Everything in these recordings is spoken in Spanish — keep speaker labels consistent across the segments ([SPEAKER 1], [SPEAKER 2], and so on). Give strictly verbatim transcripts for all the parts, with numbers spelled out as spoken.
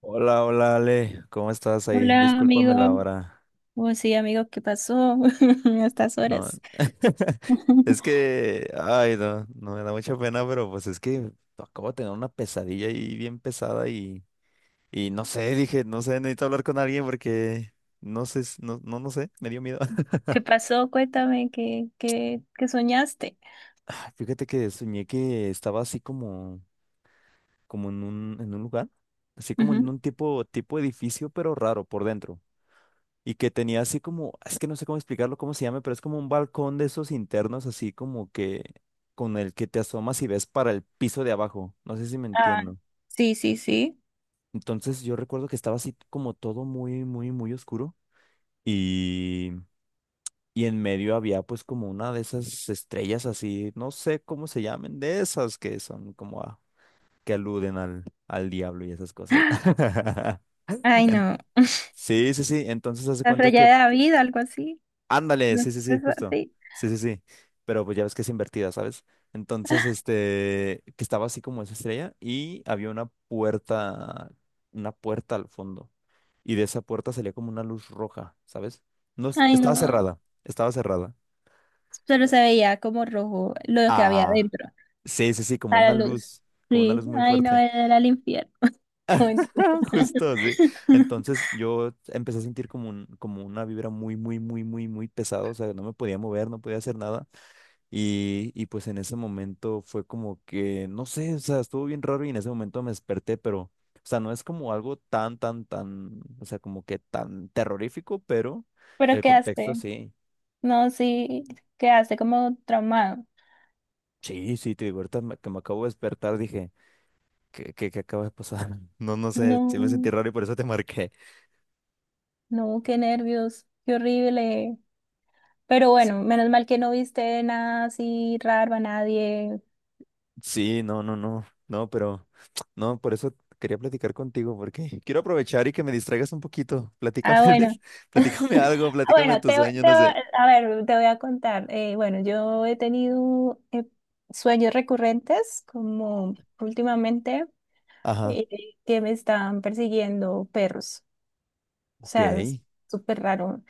[SPEAKER 1] Hola, hola Ale, ¿cómo estás ahí?
[SPEAKER 2] Hola,
[SPEAKER 1] Discúlpame la
[SPEAKER 2] amigo.
[SPEAKER 1] hora.
[SPEAKER 2] Oh, sí, amigo, ¿qué pasó a estas
[SPEAKER 1] No,
[SPEAKER 2] horas?
[SPEAKER 1] es que, ay, no no me da mucha pena, pero pues es que acabo de tener una pesadilla ahí bien pesada y, y no sé, dije, no sé, necesito hablar con alguien porque no sé, s- no, no, no sé, me dio miedo.
[SPEAKER 2] ¿Qué pasó? Cuéntame, ¿qué, qué, ¿qué soñaste?
[SPEAKER 1] Fíjate que soñé que estaba así como, como en un, en un lugar, así como en
[SPEAKER 2] Ujú.
[SPEAKER 1] un tipo, tipo edificio, pero raro por dentro. Y que tenía así como, es que no sé cómo explicarlo, cómo se llama, pero es como un balcón de esos internos, así como que con el que te asomas y ves para el piso de abajo. No sé si me
[SPEAKER 2] Ah,
[SPEAKER 1] entiendo.
[SPEAKER 2] sí, sí, sí.
[SPEAKER 1] Entonces yo recuerdo que estaba así como todo muy, muy, muy oscuro y, y en medio había pues como una de esas estrellas así, no sé cómo se llamen, de esas que son como a- que aluden al, al diablo y esas cosas.
[SPEAKER 2] Ay,
[SPEAKER 1] En-
[SPEAKER 2] no.
[SPEAKER 1] sí, sí, sí. Entonces hace
[SPEAKER 2] La
[SPEAKER 1] cuenta
[SPEAKER 2] raya
[SPEAKER 1] que
[SPEAKER 2] de David, algo así.
[SPEAKER 1] ándale,
[SPEAKER 2] No,
[SPEAKER 1] sí, sí, sí,
[SPEAKER 2] eso
[SPEAKER 1] justo.
[SPEAKER 2] así.
[SPEAKER 1] Sí, sí, sí. Pero pues ya ves que es invertida, ¿sabes? Entonces, este, que estaba así como esa estrella y había una puerta, una puerta al fondo. Y de esa puerta salía como una luz roja, ¿sabes? No, es-
[SPEAKER 2] Ay, no.
[SPEAKER 1] estaba cerrada, estaba cerrada.
[SPEAKER 2] Solo
[SPEAKER 1] Eh,
[SPEAKER 2] se veía como rojo lo que había
[SPEAKER 1] Ah,
[SPEAKER 2] dentro,
[SPEAKER 1] sí, sí, sí, como
[SPEAKER 2] a la
[SPEAKER 1] una
[SPEAKER 2] luz.
[SPEAKER 1] luz, como una
[SPEAKER 2] Sí,
[SPEAKER 1] luz muy
[SPEAKER 2] ay, no,
[SPEAKER 1] fuerte.
[SPEAKER 2] era el infierno. No, mentira.
[SPEAKER 1] Justo, sí. Entonces yo empecé a sentir como un, como una vibra muy, muy, muy, muy, muy pesada. O sea, no me podía mover, no podía hacer nada. Y, y pues en ese momento fue como que, no sé, o sea, estuvo bien raro y en ese momento me desperté, pero, o sea, no es como algo tan, tan, tan, o sea, como que tan terrorífico, pero
[SPEAKER 2] Pero
[SPEAKER 1] el
[SPEAKER 2] ¿qué
[SPEAKER 1] contexto
[SPEAKER 2] hace?
[SPEAKER 1] sí.
[SPEAKER 2] No, sí, ¿qué hace? Como traumado.
[SPEAKER 1] Sí, sí, te digo, ahorita me- que me acabo de despertar dije, ¿qué, qué, qué acaba de pasar? No, no sé, sí me sentí
[SPEAKER 2] No.
[SPEAKER 1] raro y por eso te marqué.
[SPEAKER 2] No, qué nervios, qué horrible. Pero
[SPEAKER 1] Sí,
[SPEAKER 2] bueno, menos mal que no viste nada así raro a nadie.
[SPEAKER 1] sí, no, no, no, no, pero, no, por eso quería platicar contigo, porque quiero aprovechar y que me distraigas un poquito. Platícame,
[SPEAKER 2] Ah, bueno.
[SPEAKER 1] platícame algo,
[SPEAKER 2] Ah,
[SPEAKER 1] platícame
[SPEAKER 2] bueno, te,
[SPEAKER 1] tus sueños,
[SPEAKER 2] te
[SPEAKER 1] no sé.
[SPEAKER 2] a ver, te voy a contar. Eh, bueno, yo he tenido eh, sueños recurrentes, como últimamente,
[SPEAKER 1] Ajá.
[SPEAKER 2] eh, que me están persiguiendo perros. O
[SPEAKER 1] Ok,
[SPEAKER 2] sea, es
[SPEAKER 1] ¿en
[SPEAKER 2] súper raro.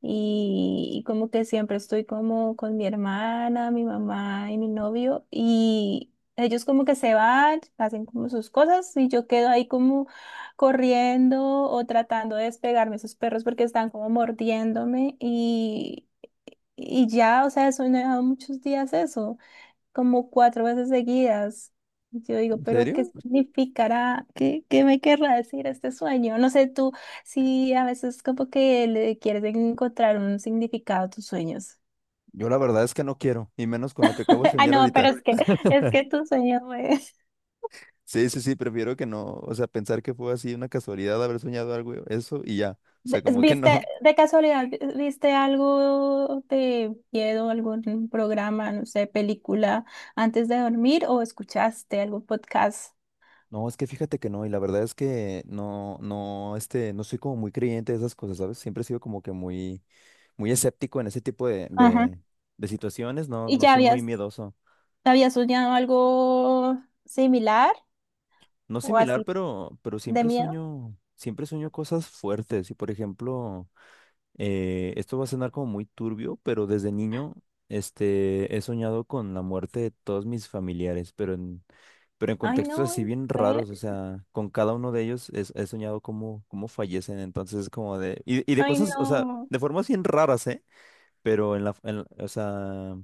[SPEAKER 2] Y, y como que siempre estoy como con mi hermana, mi mamá y mi novio. Y ellos como que se van, hacen como sus cosas y yo quedo ahí como corriendo o tratando de despegarme de esos perros porque están como mordiéndome. Y, y ya, o sea, eso me ha dado muchos días eso como cuatro veces seguidas. Yo digo, pero ¿qué
[SPEAKER 1] serio?
[SPEAKER 2] significará? ¿Qué, qué me querrá decir este sueño? No sé, tú si a veces como que le quieres encontrar un significado a tus sueños.
[SPEAKER 1] Yo la verdad es que no quiero, y menos con lo que acabo de
[SPEAKER 2] Ah,
[SPEAKER 1] soñar
[SPEAKER 2] no, pero
[SPEAKER 1] ahorita.
[SPEAKER 2] es que es que tu sueño es...
[SPEAKER 1] Sí, sí, sí, prefiero que no, o sea, pensar que fue así una casualidad haber soñado algo, eso y ya. O sea,
[SPEAKER 2] de-
[SPEAKER 1] como que
[SPEAKER 2] ¿Viste,
[SPEAKER 1] no.
[SPEAKER 2] de casualidad, viste algo de miedo, algún programa, no sé, película antes de dormir o escuchaste algún podcast?
[SPEAKER 1] No, es que fíjate que no, y la verdad es que no, no, este, no soy como muy creyente de esas cosas, ¿sabes? Siempre he sido como que muy, muy escéptico en ese tipo de,
[SPEAKER 2] Ajá.
[SPEAKER 1] de, de situaciones, no,
[SPEAKER 2] ¿Y
[SPEAKER 1] no
[SPEAKER 2] ya
[SPEAKER 1] soy muy
[SPEAKER 2] habías,
[SPEAKER 1] miedoso.
[SPEAKER 2] habías soñado algo similar?
[SPEAKER 1] No
[SPEAKER 2] O así
[SPEAKER 1] similar, pero, pero
[SPEAKER 2] de
[SPEAKER 1] siempre
[SPEAKER 2] miedo.
[SPEAKER 1] sueño, siempre sueño cosas fuertes, y por ejemplo... Eh, esto va a sonar como muy turbio, pero desde niño, este, he soñado con la muerte de todos mis familiares, pero en, pero en
[SPEAKER 2] Ay,
[SPEAKER 1] contextos así
[SPEAKER 2] no,
[SPEAKER 1] bien
[SPEAKER 2] pero-
[SPEAKER 1] raros, o sea, con cada uno de ellos es- he, soñado cómo, cómo fallecen, entonces como de, y, y de
[SPEAKER 2] ay,
[SPEAKER 1] cosas, o sea,
[SPEAKER 2] no.
[SPEAKER 1] de formas bien raras, ¿eh? Pero en la, en la- o sea,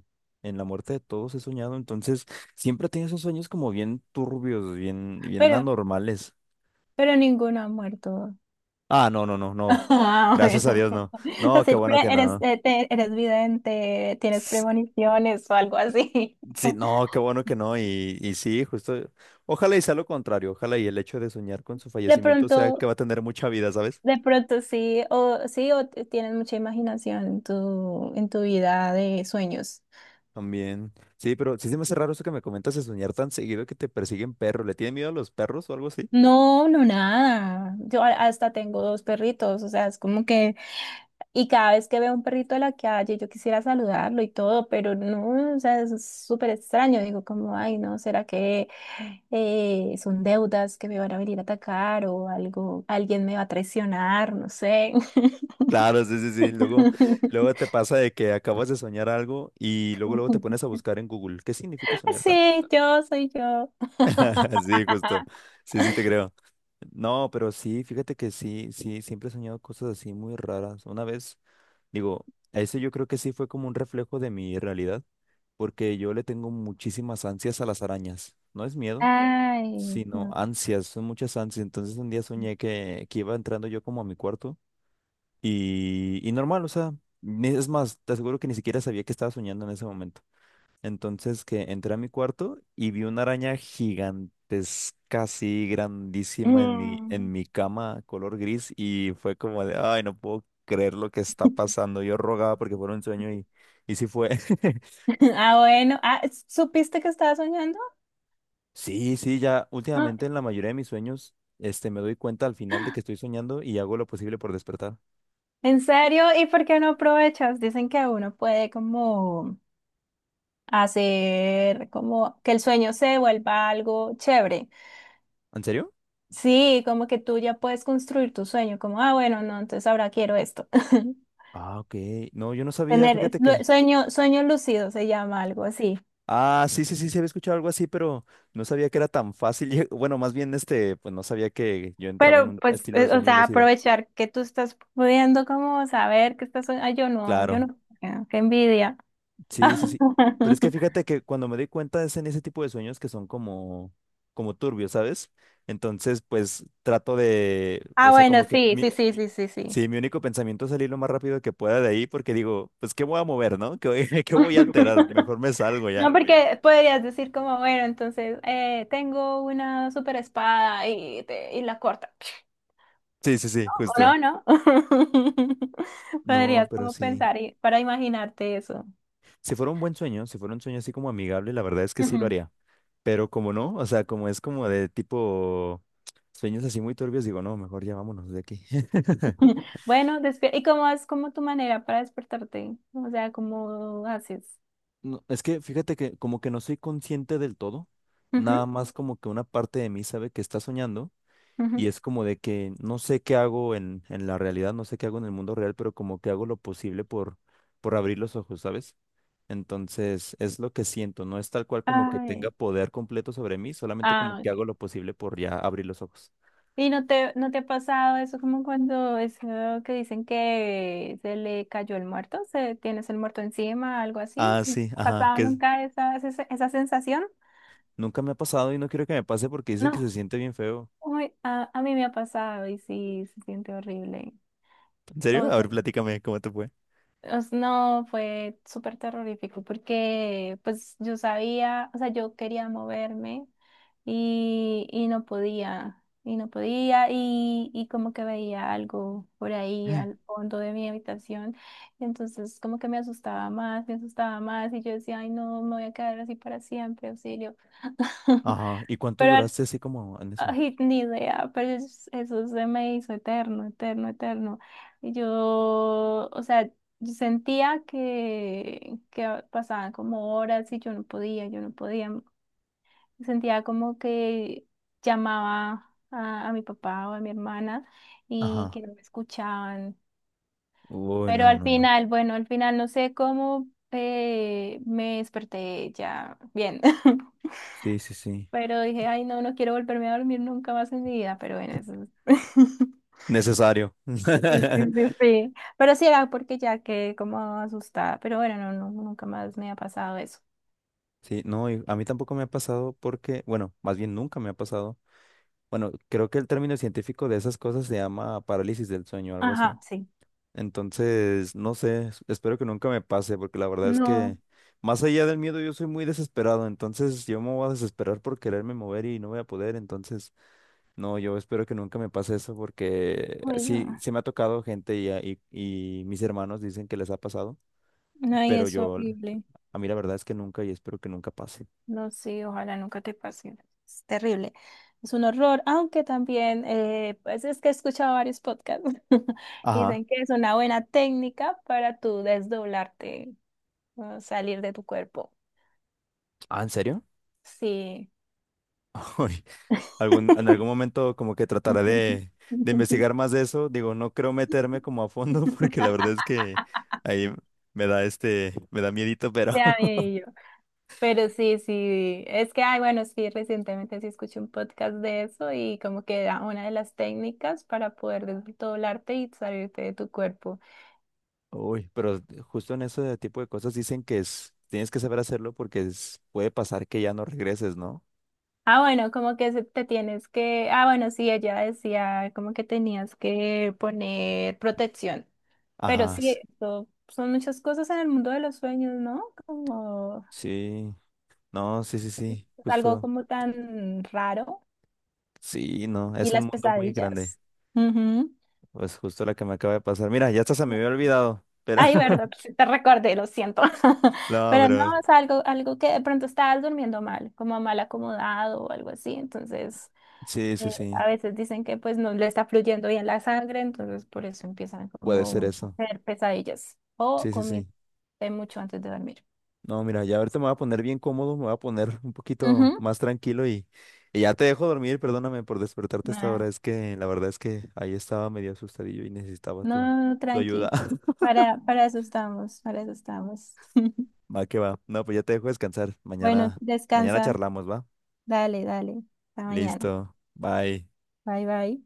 [SPEAKER 1] en la muerte de todos he soñado, entonces siempre he tenido esos sueños como bien turbios, bien, bien
[SPEAKER 2] Pero,
[SPEAKER 1] anormales.
[SPEAKER 2] pero ninguno ha muerto.
[SPEAKER 1] Ah, no, no, no, no.
[SPEAKER 2] Ah,
[SPEAKER 1] Gracias a
[SPEAKER 2] bueno.
[SPEAKER 1] Dios, no. No, qué
[SPEAKER 2] Así,
[SPEAKER 1] bueno
[SPEAKER 2] pre-
[SPEAKER 1] que
[SPEAKER 2] eres,
[SPEAKER 1] no.
[SPEAKER 2] eh, te- eres vidente, tienes premoniciones o algo así.
[SPEAKER 1] Sí, no, qué bueno que no. Y, y sí, justo. Ojalá y sea lo contrario. Ojalá y el hecho de soñar con su
[SPEAKER 2] De
[SPEAKER 1] fallecimiento sea que
[SPEAKER 2] pronto,
[SPEAKER 1] va a tener mucha vida, ¿sabes?
[SPEAKER 2] de pronto sí, o sí, o t- tienes mucha imaginación en tu, en tu vida de sueños.
[SPEAKER 1] También. Sí, pero sí se me hace raro eso que me comentas de soñar tan seguido que te persiguen perros. ¿Le tienen miedo a los perros o algo así?
[SPEAKER 2] No, no, nada. Yo a- hasta tengo dos perritos, o sea, es como que y cada vez que veo un perrito en la calle, yo quisiera saludarlo y todo, pero no, o sea, es súper extraño. Digo, como, ay, no, ¿será que eh, son deudas que me van a venir a atacar o algo, alguien me va a traicionar? No sé.
[SPEAKER 1] Claro, sí, sí, sí. Luego, luego te pasa de que acabas de soñar algo y luego, luego te pones a buscar en Google. ¿Qué significa soñar tan?
[SPEAKER 2] Sí, yo soy yo.
[SPEAKER 1] Sí, justo. Sí, sí, te creo. No, pero sí, fíjate que sí, sí, siempre he soñado cosas así muy raras. Una vez. Digo, a ese yo creo que sí fue como un reflejo de mi realidad, porque yo le tengo muchísimas ansias a las arañas. No es miedo,
[SPEAKER 2] Ay,
[SPEAKER 1] sino
[SPEAKER 2] no.
[SPEAKER 1] ansias, son muchas ansias. Entonces un día soñé que, que iba entrando yo como a mi cuarto y, y normal, o sea, ni- es más, te aseguro que ni siquiera sabía que estaba soñando en ese momento. Entonces que entré a mi cuarto y vi una araña gigantesca, así grandísima en mi,
[SPEAKER 2] Mm.
[SPEAKER 1] en mi cama, color gris, y fue como de, ay, no puedo creer lo que está pasando. Yo rogaba porque fuera un sueño y, y sí fue.
[SPEAKER 2] Ah, bueno. Ah, ¿supiste que estaba soñando?
[SPEAKER 1] Sí, sí, ya
[SPEAKER 2] Ah,
[SPEAKER 1] últimamente en la mayoría de mis sueños, este, me doy cuenta al final de que estoy soñando y hago lo posible por despertar.
[SPEAKER 2] ¿en serio? ¿Y por qué no aprovechas? Dicen que uno puede como hacer como que el sueño se vuelva algo chévere.
[SPEAKER 1] ¿En serio?
[SPEAKER 2] Sí, como que tú ya puedes construir tu sueño, como, ah, bueno, no, entonces ahora quiero esto.
[SPEAKER 1] Ah, ok. No, yo no sabía,
[SPEAKER 2] Tener
[SPEAKER 1] fíjate
[SPEAKER 2] lu-
[SPEAKER 1] que...
[SPEAKER 2] sueño, sueño lúcido se llama algo así.
[SPEAKER 1] Ah, sí, sí, sí, se había escuchado algo así, pero no sabía que era tan fácil. lle- Bueno, más bien, este, pues no sabía que yo entraba en
[SPEAKER 2] Pero
[SPEAKER 1] un
[SPEAKER 2] pues,
[SPEAKER 1] estilo de
[SPEAKER 2] eh, o
[SPEAKER 1] sueño
[SPEAKER 2] sea,
[SPEAKER 1] lúcido.
[SPEAKER 2] aprovechar que tú estás pudiendo como saber que estás soñando. Ay, yo no, yo
[SPEAKER 1] Claro,
[SPEAKER 2] no. Ah, qué envidia.
[SPEAKER 1] sí, sí, sí. Pero es que fíjate que cuando me doy cuenta es en ese tipo de sueños que son como, como turbios, ¿sabes? Entonces, pues trato de, o
[SPEAKER 2] Ah,
[SPEAKER 1] sea,
[SPEAKER 2] bueno,
[SPEAKER 1] como que
[SPEAKER 2] sí,
[SPEAKER 1] mi,
[SPEAKER 2] sí, sí, sí, sí, sí.
[SPEAKER 1] sí, mi único pensamiento es salir lo más rápido que pueda de ahí, porque digo, pues, ¿qué voy a mover, no? ¿Qué, voy- qué voy a alterar? Mejor me salgo ya.
[SPEAKER 2] No, porque podrías decir como, bueno, entonces eh, tengo una super espada y, te- y la corta.
[SPEAKER 1] Sí, sí, sí,
[SPEAKER 2] O
[SPEAKER 1] justo.
[SPEAKER 2] no, no.
[SPEAKER 1] No,
[SPEAKER 2] Podrías
[SPEAKER 1] pero
[SPEAKER 2] como
[SPEAKER 1] sí.
[SPEAKER 2] pensar y- para imaginarte eso.
[SPEAKER 1] Si fuera un buen sueño, si fuera un sueño así como amigable, la verdad es que sí lo
[SPEAKER 2] Ujú.
[SPEAKER 1] haría. Pero como no, o sea, como es como de tipo sueños así muy turbios, digo, no, mejor ya vámonos de aquí.
[SPEAKER 2] Bueno, despi- ¿y cómo es como tu manera para despertarte? O sea, ¿cómo haces?
[SPEAKER 1] No, es que fíjate que como que no soy consciente del todo,
[SPEAKER 2] Ujú,
[SPEAKER 1] nada más como que una parte de mí sabe que está soñando
[SPEAKER 2] ujú.
[SPEAKER 1] y es como de que no sé qué hago en, en la realidad, no sé qué hago en el mundo real, pero como que hago lo posible por, por abrir los ojos, ¿sabes? Entonces, es lo que siento, no es tal cual como que
[SPEAKER 2] Ay,
[SPEAKER 1] tenga poder completo sobre mí, solamente como
[SPEAKER 2] ah,
[SPEAKER 1] que
[SPEAKER 2] ok.
[SPEAKER 1] hago lo posible por ya abrir los ojos.
[SPEAKER 2] ¿Y no te, no te ha pasado eso como cuando eso que dicen que se le cayó el muerto, se tienes el muerto encima, algo así?
[SPEAKER 1] Ah,
[SPEAKER 2] ¿No te
[SPEAKER 1] sí,
[SPEAKER 2] ha
[SPEAKER 1] ajá,
[SPEAKER 2] pasado
[SPEAKER 1] que es-
[SPEAKER 2] nunca esa, esa, esa sensación?
[SPEAKER 1] nunca me ha pasado y no quiero que me pase porque dicen que
[SPEAKER 2] No,
[SPEAKER 1] se siente bien feo.
[SPEAKER 2] uy, a, a mí me ha pasado y sí, se siente horrible.
[SPEAKER 1] ¿En serio?
[SPEAKER 2] O
[SPEAKER 1] A
[SPEAKER 2] sea,
[SPEAKER 1] ver, platícame cómo te fue.
[SPEAKER 2] Os- no, fue súper terrorífico porque pues yo sabía, o sea, yo quería moverme y, y no podía, y no podía, y, y como que veía algo por ahí al fondo de mi habitación, y entonces como que me asustaba más, me asustaba más, y yo decía, ay no, me voy a quedar así para siempre, auxilio.
[SPEAKER 1] Ajá, ¿y cuánto
[SPEAKER 2] Pero al
[SPEAKER 1] duraste así como en eso?
[SPEAKER 2] Ay, ni idea, pero es- eso se me hizo eterno, eterno, eterno. Y yo, o sea, yo sentía que, que pasaban como horas y yo no podía, yo no podía. Sentía como que llamaba a, a mi papá o a mi hermana y que
[SPEAKER 1] Ajá.
[SPEAKER 2] no me escuchaban.
[SPEAKER 1] Uy,
[SPEAKER 2] Pero
[SPEAKER 1] no,
[SPEAKER 2] al
[SPEAKER 1] no, no.
[SPEAKER 2] final, bueno, al final no sé cómo eh, me desperté ya bien.
[SPEAKER 1] Sí, sí, sí.
[SPEAKER 2] Pero dije, ay, no, no quiero volverme a dormir nunca más en mi vida, pero bueno, eso es.
[SPEAKER 1] Necesario.
[SPEAKER 2] Sí, sí, sí, sí. Pero sí era porque ya quedé como asustada. Pero bueno, no, no, nunca más me ha pasado eso.
[SPEAKER 1] Sí, no, y a mí tampoco me ha pasado porque, bueno, más bien nunca me ha pasado. Bueno, creo que el término científico de esas cosas se llama parálisis del sueño, algo así.
[SPEAKER 2] Ajá, sí.
[SPEAKER 1] Entonces, no sé, es- espero que nunca me pase, porque la verdad es que
[SPEAKER 2] No,
[SPEAKER 1] más allá del miedo yo soy muy desesperado, entonces yo me voy a desesperar por quererme mover y no voy a poder, entonces, no, yo espero que nunca me pase eso, porque
[SPEAKER 2] uy,
[SPEAKER 1] sí,
[SPEAKER 2] no.
[SPEAKER 1] sí me ha tocado gente y, a- y, y mis hermanos dicen que les ha pasado,
[SPEAKER 2] No, y
[SPEAKER 1] pero
[SPEAKER 2] es
[SPEAKER 1] yo,
[SPEAKER 2] horrible.
[SPEAKER 1] a mí la verdad es que nunca y espero que nunca pase.
[SPEAKER 2] No, sí, ojalá nunca te pase. Es terrible. Es un horror, aunque también, eh, pues es que he escuchado varios podcasts.
[SPEAKER 1] Ajá.
[SPEAKER 2] Dicen que es una buena técnica para tú desdoblarte, o salir de tu cuerpo.
[SPEAKER 1] Ah, ¿en serio?
[SPEAKER 2] Sí.
[SPEAKER 1] Uy, algún, en algún momento como que trataré de, de investigar más de eso. Digo, no creo meterme como a fondo porque la verdad es que ahí me da este, me da miedito, pero
[SPEAKER 2] Ya amé, pero sí, sí, es que, ay, bueno, sí, recientemente sí escuché un podcast de eso y como que era una de las técnicas para poder desdoblarte y salirte de tu cuerpo.
[SPEAKER 1] uy, pero justo en ese tipo de cosas dicen que es, tienes que saber hacerlo porque es- puede pasar que ya no regreses, ¿no?
[SPEAKER 2] Ah, bueno, como que se- te tienes que, ah, bueno, sí, ella decía como que tenías que poner protección. Pero
[SPEAKER 1] Ajá, s-
[SPEAKER 2] sí, eso son muchas cosas en el mundo de los sueños, ¿no? Como
[SPEAKER 1] sí, no, sí, sí, sí,
[SPEAKER 2] algo
[SPEAKER 1] justo,
[SPEAKER 2] como tan raro
[SPEAKER 1] sí, no,
[SPEAKER 2] y
[SPEAKER 1] es un
[SPEAKER 2] las
[SPEAKER 1] mundo muy grande.
[SPEAKER 2] pesadillas. Ujú.
[SPEAKER 1] Pues justo la que me acaba de pasar. Mira, ya hasta se me había olvidado, pero
[SPEAKER 2] Ay, verdad, sí, te recordé, lo siento.
[SPEAKER 1] no,
[SPEAKER 2] Pero no,
[SPEAKER 1] pero
[SPEAKER 2] es algo, algo que de pronto estabas durmiendo mal, como mal acomodado o algo así. Entonces,
[SPEAKER 1] sí, sí,
[SPEAKER 2] eh,
[SPEAKER 1] sí.
[SPEAKER 2] a veces dicen que pues no le está fluyendo bien la sangre, entonces por eso empiezan
[SPEAKER 1] Puede ser
[SPEAKER 2] como a
[SPEAKER 1] eso.
[SPEAKER 2] hacer pesadillas. O
[SPEAKER 1] Sí, sí, sí.
[SPEAKER 2] comiste mucho antes de dormir.
[SPEAKER 1] No, mira, ya ahorita me voy a poner bien cómodo, me voy a poner un poquito
[SPEAKER 2] Ujú.
[SPEAKER 1] más tranquilo y, y ya te dejo dormir. Perdóname por despertarte a esta
[SPEAKER 2] Ah,
[SPEAKER 1] hora. Es que la verdad es que ahí estaba medio asustadillo y necesitaba tu,
[SPEAKER 2] no,
[SPEAKER 1] tu ayuda.
[SPEAKER 2] tranqui. Para, para eso estamos, para eso estamos.
[SPEAKER 1] Va que va. No, pues ya te dejo descansar.
[SPEAKER 2] Bueno,
[SPEAKER 1] Mañana, mañana
[SPEAKER 2] descansa.
[SPEAKER 1] charlamos, ¿va?
[SPEAKER 2] Dale, dale. Hasta mañana.
[SPEAKER 1] Listo. Bye.
[SPEAKER 2] Bye, bye.